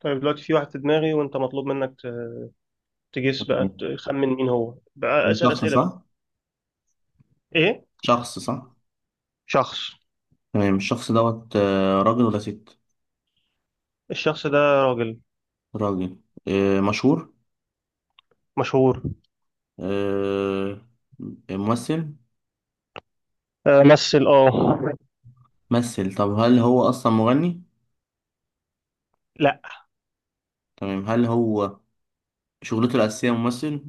طيب دلوقتي في واحد في دماغي وانت مطلوب منك تجس بقى تمام. تخمن مين هو بقى. هو اسأل شخص أسئلة بقى. صح؟ ايه، شخص صح؟ شخص. تمام. الشخص دوت راجل ولا ست؟ الشخص ده راجل راجل. مشهور. مشهور. آه، ممثل. مثل ممثل. طب هل هو أصلا مغني؟ لا. تمام. هل هو شغلته الأساسية ممثل؟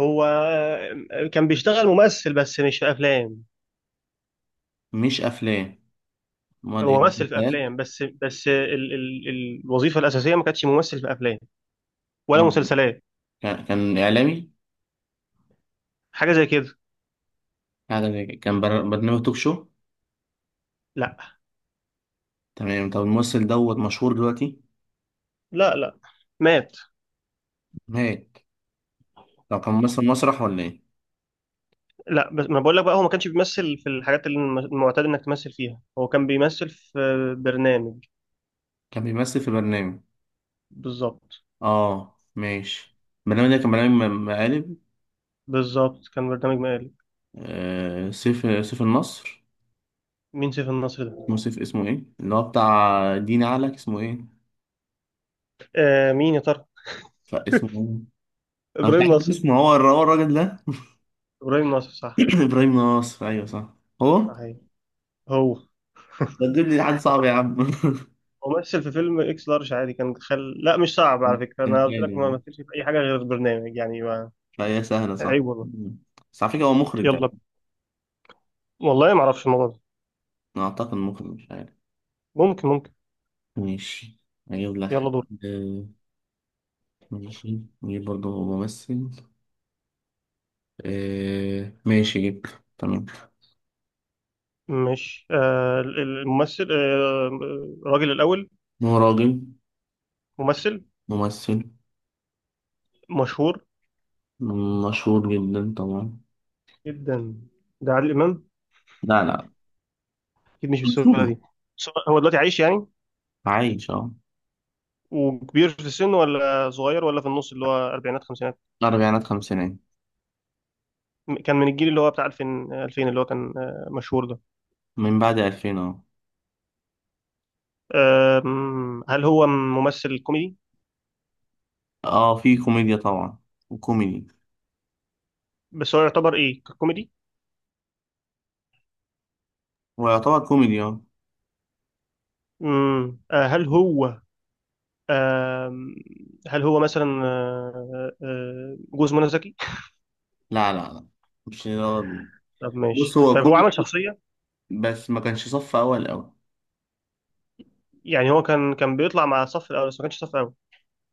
هو كان بيشتغل ممثل بس مش في افلام. مش أفلام. أمال إيه؟ هو ممثل في مسلسلات؟ افلام بس بس ال ال الوظيفة الأساسية ما كانتش ممثل في افلام ولا أمال إيه؟ مسلسلات. كان إعلامي؟ حاجة زي كده. حاجة زي كده. كان برنامج توك شو؟ لا، تمام. طب الممثل دوت مشهور دلوقتي؟ لا، لا. مات. مات. طب كان ممثل مسرح ولا إيه؟ لا، بس ما بقول لك بقى، هو ما كانش بيمثل في الحاجات اللي المعتاد انك تمثل فيها. هو كان بيمثل في برنامج. كان بيمثل في برنامج. بالظبط. اه، ماشي. البرنامج ده كان برنامج مقالب. بالظبط، كان برنامج مقالب. آه، سيف النصر. مين سيف النصر اسمه ده؟ سيف، اسمه ايه اللي هو بتاع دين علك، اسمه ايه؟ آه، مين يا ترى؟ لا، اسمه ايه؟ انا مش ابراهيم عارف ناصر. اسمه، هو هو الراجل ده. ابراهيم ناصر صح. ابراهيم نصر، ايوه صح. هو صحيح. هو ده، تجيب لي حد صعب يا عم؟ هو ممثل في فيلم اكس لارج عادي، كان خل... لا مش صعب على فكره، كان انا قلت حلو لك ما يعني. مثلش في اي حاجه غير برنامج يعني ما... فهي سهلة صح؟ عيب والله. بس على فكرة هو مخرج ده. يلا. والله ما اعرفش الموضوع ده. أنا أعتقد مخرج، مش عارف. ممكن، ممكن. ماشي، هجيب لك يلا دور. حد. آه، ماشي، نجيب برضه ممثل. ماشي، جبت تمام. مش الممثل الراجل الاول. هو راجل، ممثل. ممثل، مشهور مشهور جدا طبعا. جدا. ده عادل امام؟ لا، لا. اكيد مش بالسهوله مشهور. دي. بس هو دلوقتي عايش يعني، عايش اه. وكبير في السن ولا صغير ولا في النص اللي هو أربعينات خمسينات. أربعينات خمسينات. كان من الجيل اللي هو بتاع 2000 2000، اللي هو كان مشهور ده. من بعد 2000 اه. هل هو ممثل كوميدي؟ اه، في كوميديا طبعا. وكوميدي. بس هو يعتبر ايه، كوميدي؟ هو يعتبر كوميدي اه. هل هو آم، هل هو مثلا جوز منى زكي؟ لا، لا، لا. مش راجل. طب ماشي. بص، هو طيب هو عمل كوميدي، شخصية؟ بس ما كانش صف أول أوي. يعني هو كان بيطلع مع صف الأول بس ما كانش صف أول.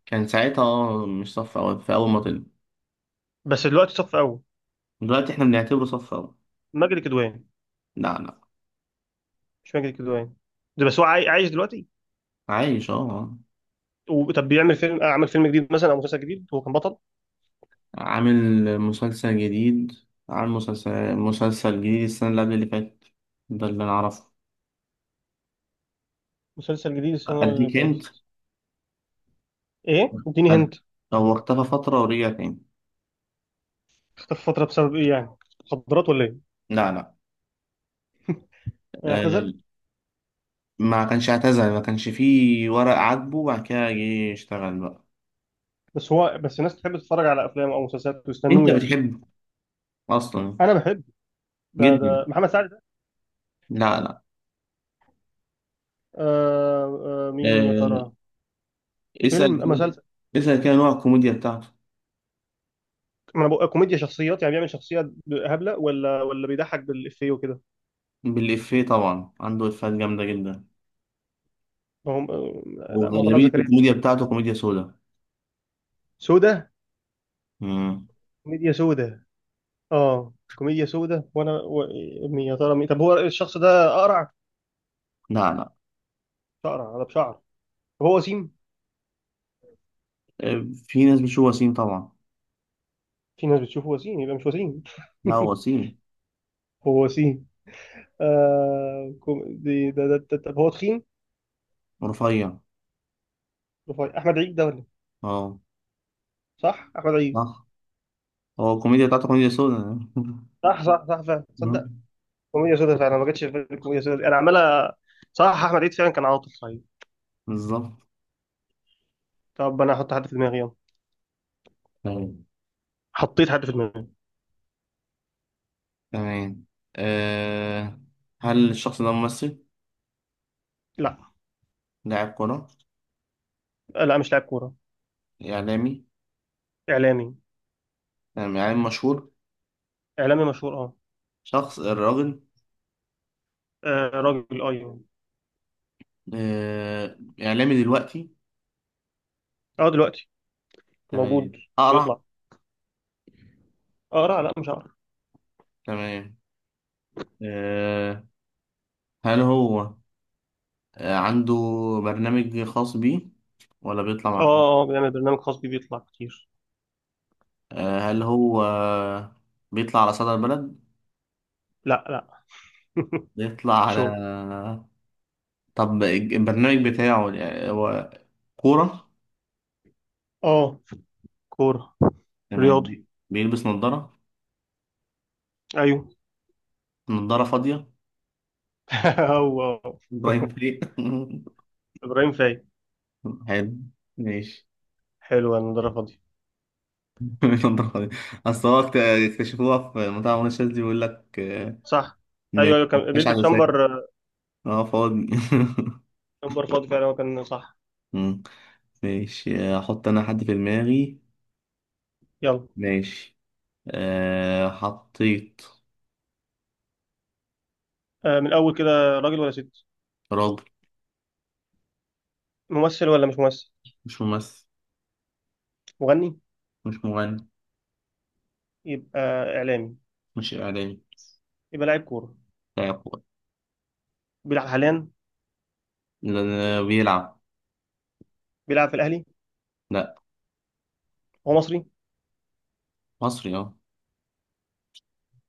كان ساعتها اه مش صف أول في أول ما طلع. بس دلوقتي صف أول. دلوقتي احنا بنعتبره صف أول. ماجد الكدواني؟ لا، لا. مش ماجد الكدواني ده، بس هو عايش دلوقتي؟ عايش اه آه. طب بيعمل فيلم، عمل فيلم جديد مثلا او مسلسل جديد هو كان بطل؟ عامل مسلسل جديد عامل مسلسل جديد السنة اللي قبل اللي فاتت. ده اللي أنا أعرفه. مسلسل جديد السنه اللي أديك فاتت. أنت. ايه اديني أد- هنت. هو اختفى فترة ورجع تاني. اختفى فتره بسبب ايه يعني؟ مخدرات ولا ايه؟ لا، لا. آه، اعتزل؟ ما كانش اعتزل، ما كانش فيه ورق عاجبه وبعد كده جه يشتغل بقى. بس هو، بس الناس تحب تتفرج على افلام او مسلسلات أنت ويستنوه يعني؟ بتحبه أصلا؟ انا بحب. ده جدا. ده محمد سعد ده؟ لا، لا. آه، آه مين يا آه، ترى؟ اسأل فيلم، كده مسلسل. اسأل كده نوع الكوميديا بتاعته. ما انا بقول كوميديا شخصيات، يعني بيعمل شخصيه هبله ولا بيضحك بالافيه وكده؟ بالإفيه طبعا، عنده إفيهات جامدة جدا. ما هم لا، ما هو طلعت وغالبية زكريا. الكوميديا بتاعته كوميديا سودا. سودا، مم. كوميديا سودا. اه كوميديا سودا، وانا و... مين يا ترى؟ مين؟ طب هو الشخص ده اقرع، لا، لا. شعر على بشعر، هو وسيم؟ في ناس بتشوف وسيم طبعا. في ناس بتشوفه وسيم، يبقى مش وسيم. لا، هو وسيم. هو وسيم. آه كو- دي ده ده ده طب هو تخين، رفيع رفيع؟ احمد عيد ده ولا؟ اه. صح احمد عيد؟ صح. هو الكوميديا بتاعته كوميديا سودا. صح صح صح، فعلا. تصدق مم. كوميديا سودا فعلا، ما جاتش في بالي كوميديا سودا، انا عمال صح احمد عيد فعلا، كان عاطل صحيح. بالظبط. طب انا هحط حد في دماغي، يلا. تمام. حطيت حد في دماغي. تمام. أه. هل الشخص ده ممثل؟ لا. لاعب كرة؟ لا مش لاعب كوره. إعلامي؟ اعلامي. تمام، إعلامي مشهور. اعلامي مشهور، اه. شخص الراجل. راجل، اه يعني. أه، إعلامي دلوقتي. اه دلوقتي. تمام، موجود. أقرع. بيطلع. اه لا لا مش عارف. تمام أه، هل هو عنده برنامج خاص بيه، ولا بيطلع اه مع؟ بيعمل برنامج خاص بيه، بيطلع كتير. هل هو بيطلع على صدى البلد؟ لا، لا. بيطلع على شو. طب البرنامج بتاعه يعني هو كورة. اه، كورة. تمام، رياضي. بيلبس نظارة. ايوه. نظارة فاضية. هو هو. إبراهيم فريق. ابراهيم فايق. حلو. ماشي. حلو، انا ده فاضي. نظارة فاضية. أصل هو اكتشفوها في مطعم منى شاذلي، بيقول لك صح، م- ايوه ايوه كان مش بيلبس عدسات، شامبر. اه فاضي. شامبر فاضي فعلا، هو كان صح. مم. ماشي، أحط أنا حد في دماغي. يلا. ماشي، حطيت. آه من الاول كده، راجل ولا ست؟ راجل. ممثل ولا مش ممثل؟ مش ممثل. مغني؟ مش مغني. يبقى اعلامي؟ مش إعلامي. يبقى لاعب كورة؟ لا هو- بيلعب حاليا؟ لا، لا، بيلعب. بيلعب في الاهلي؟ لا. هو مصري؟ مصري اه.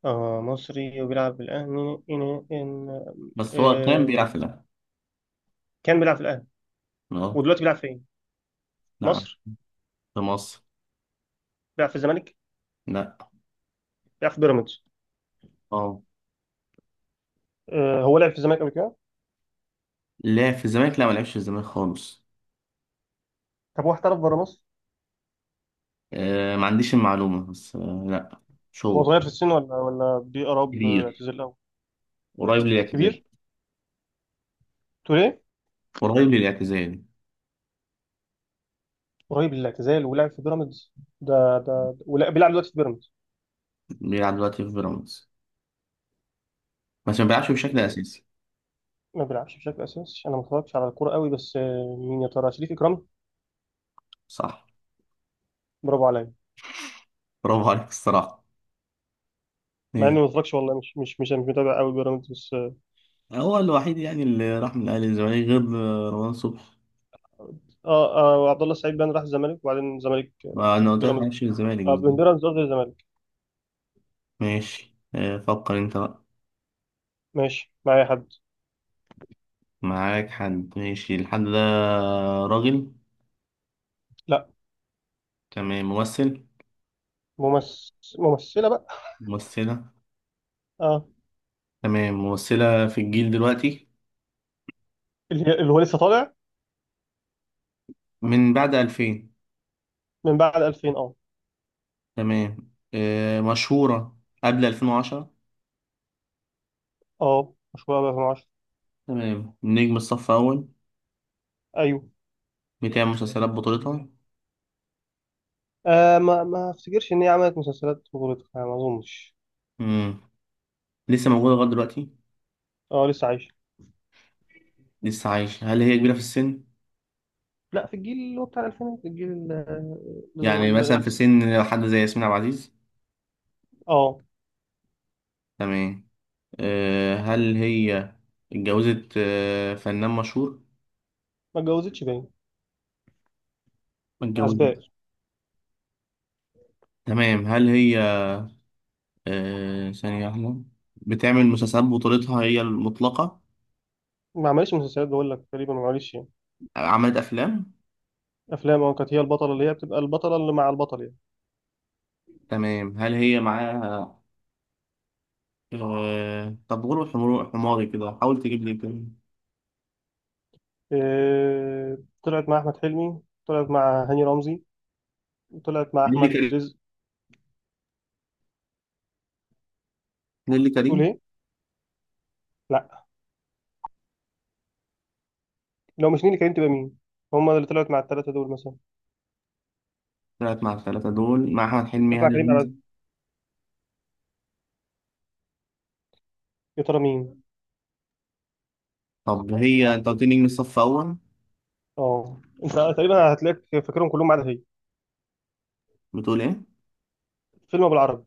اه مصري وبيلعب في الاهلي. إن إن بس هو كان آه بيلعب في الأهلي. كان بيلعب في الاهلي. اه. ودلوقتي بيلعب فين؟ نعم. مصر؟ في مصر. بيلعب في الزمالك؟ لا. بيلعب في بيراميدز؟ اه. آه، هو لعب في الزمالك قبل كده؟ لا، في الزمالك، لا، ما لعبش في الزمالك خالص. طب هو احترف بره مصر؟ ما عنديش المعلومة، بس لا، مش هو هو. صغير في السن ولا بيقرب كبير. اعتزال الاول؟ قريب للاعتزال. كبير. تقول ايه؟ قريب للاعتزال. قريب للاعتزال ولعب في بيراميدز. ده ده ولا بيلعب دلوقتي في بيراميدز؟ بيلعب دلوقتي في بيراميدز، بس ما بيلعبش بشكل إيه، أساسي. ما بيلعبش بشكل اساسي، انا ما اتفرجتش على الكوره قوي، بس مين يا ترى؟ شريف اكرامي؟ صح. برافو عليا. برافو عليك الصراحة. مع ايه. اني ما اتفرجش والله، مش متابع قوي بيراميدز، بس اه. هو الوحيد يعني اللي راح من الأهلي للزمالك، غير رمضان صبحي. اه عبد الله السعيد بان راح الزمالك، وبعدين الزمالك ما أنا قلت لك ما بيراميدز. لعبش في الزمالك. اه من بيراميدز، قصدي الزمالك. ماشي، فكر انت بقى. ماشي. معايا حد. معاك حد. ماشي، الحد ده راجل. لا. تمام، ممثل. ممثل، ممثله بقى. ممثلة. اه. تمام، ممثلة في الجيل دلوقتي. اللي هو لسه طالع. من بعد 2000. من بعد 2000، اه. تمام، مشهورة قبل 2010. اه مشهورة أوي 2010. تمام، نجم الصف أول. أيوه. بتعمل مسلسلات بطولتها. آه ما ما أفتكرش إن هي عملت مسلسلات بطولتها يعني، ما أظنش. مم. لسه موجودة لغاية دلوقتي. اه لسه عايشة. لسه عايشة. هل هي كبيرة في السن؟ لا، في الجيل اللي هو بتاع الألفينات، الجيل ال- ال- يعني مثلا ال- في سن حد زي ياسمين عبد العزيز. اه. تمام، هل هي اتجوزت فنان مشهور؟ ما اتجوزتش باين. ما أسباب. اتجوزتش. تمام، هل هي ثانية واحدة، بتعمل مسلسلات بطولتها هي المطلقة؟ ما عملتش مسلسلات بقول لك، تقريبا ما عملتش يعني. عملت أفلام. أفلام أه، كانت هي البطلة، اللي هي بتبقى البطلة اللي مع البطل يعني. تمام، هل هي معاها طب غلو، حماري كده، حاول تجيب لي كده. آه، طلعت مع أحمد حلمي، طلعت مع هاني رمزي، طلعت مع نيللي كريم. أحمد رزق. نيللي تقول كريم. إيه؟ لا. لو مش نيلي كريم، تبقى مين؟ هما اللي طلعت مع الثلاثة دول مثلا. طلعت مع الثلاثة دول، مع أحمد حلمي، طلعت مع هاني كريم عبد رمزي. العزيز. يا ترى مين؟ طب هي أنت قلت لي نجم الصف أول. اه انت تقريبا هتلاقيك فاكرهم كلهم ما عدا هي. بتقول إيه؟ فيلم بالعربي.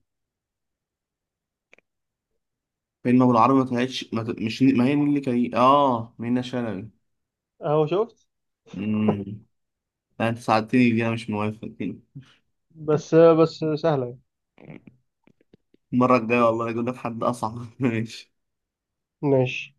فيلم أبو العربي ما طلعتش، ما... مش، ما هي نيللي كريم، منة شلبي. اهو شفت. امم. لا، أنت ساعدتني دي، أنا مش موافق. بس بس سهله يعني. المرة الجاية والله أجيب لك حد أصعب. ماشي. ماشي.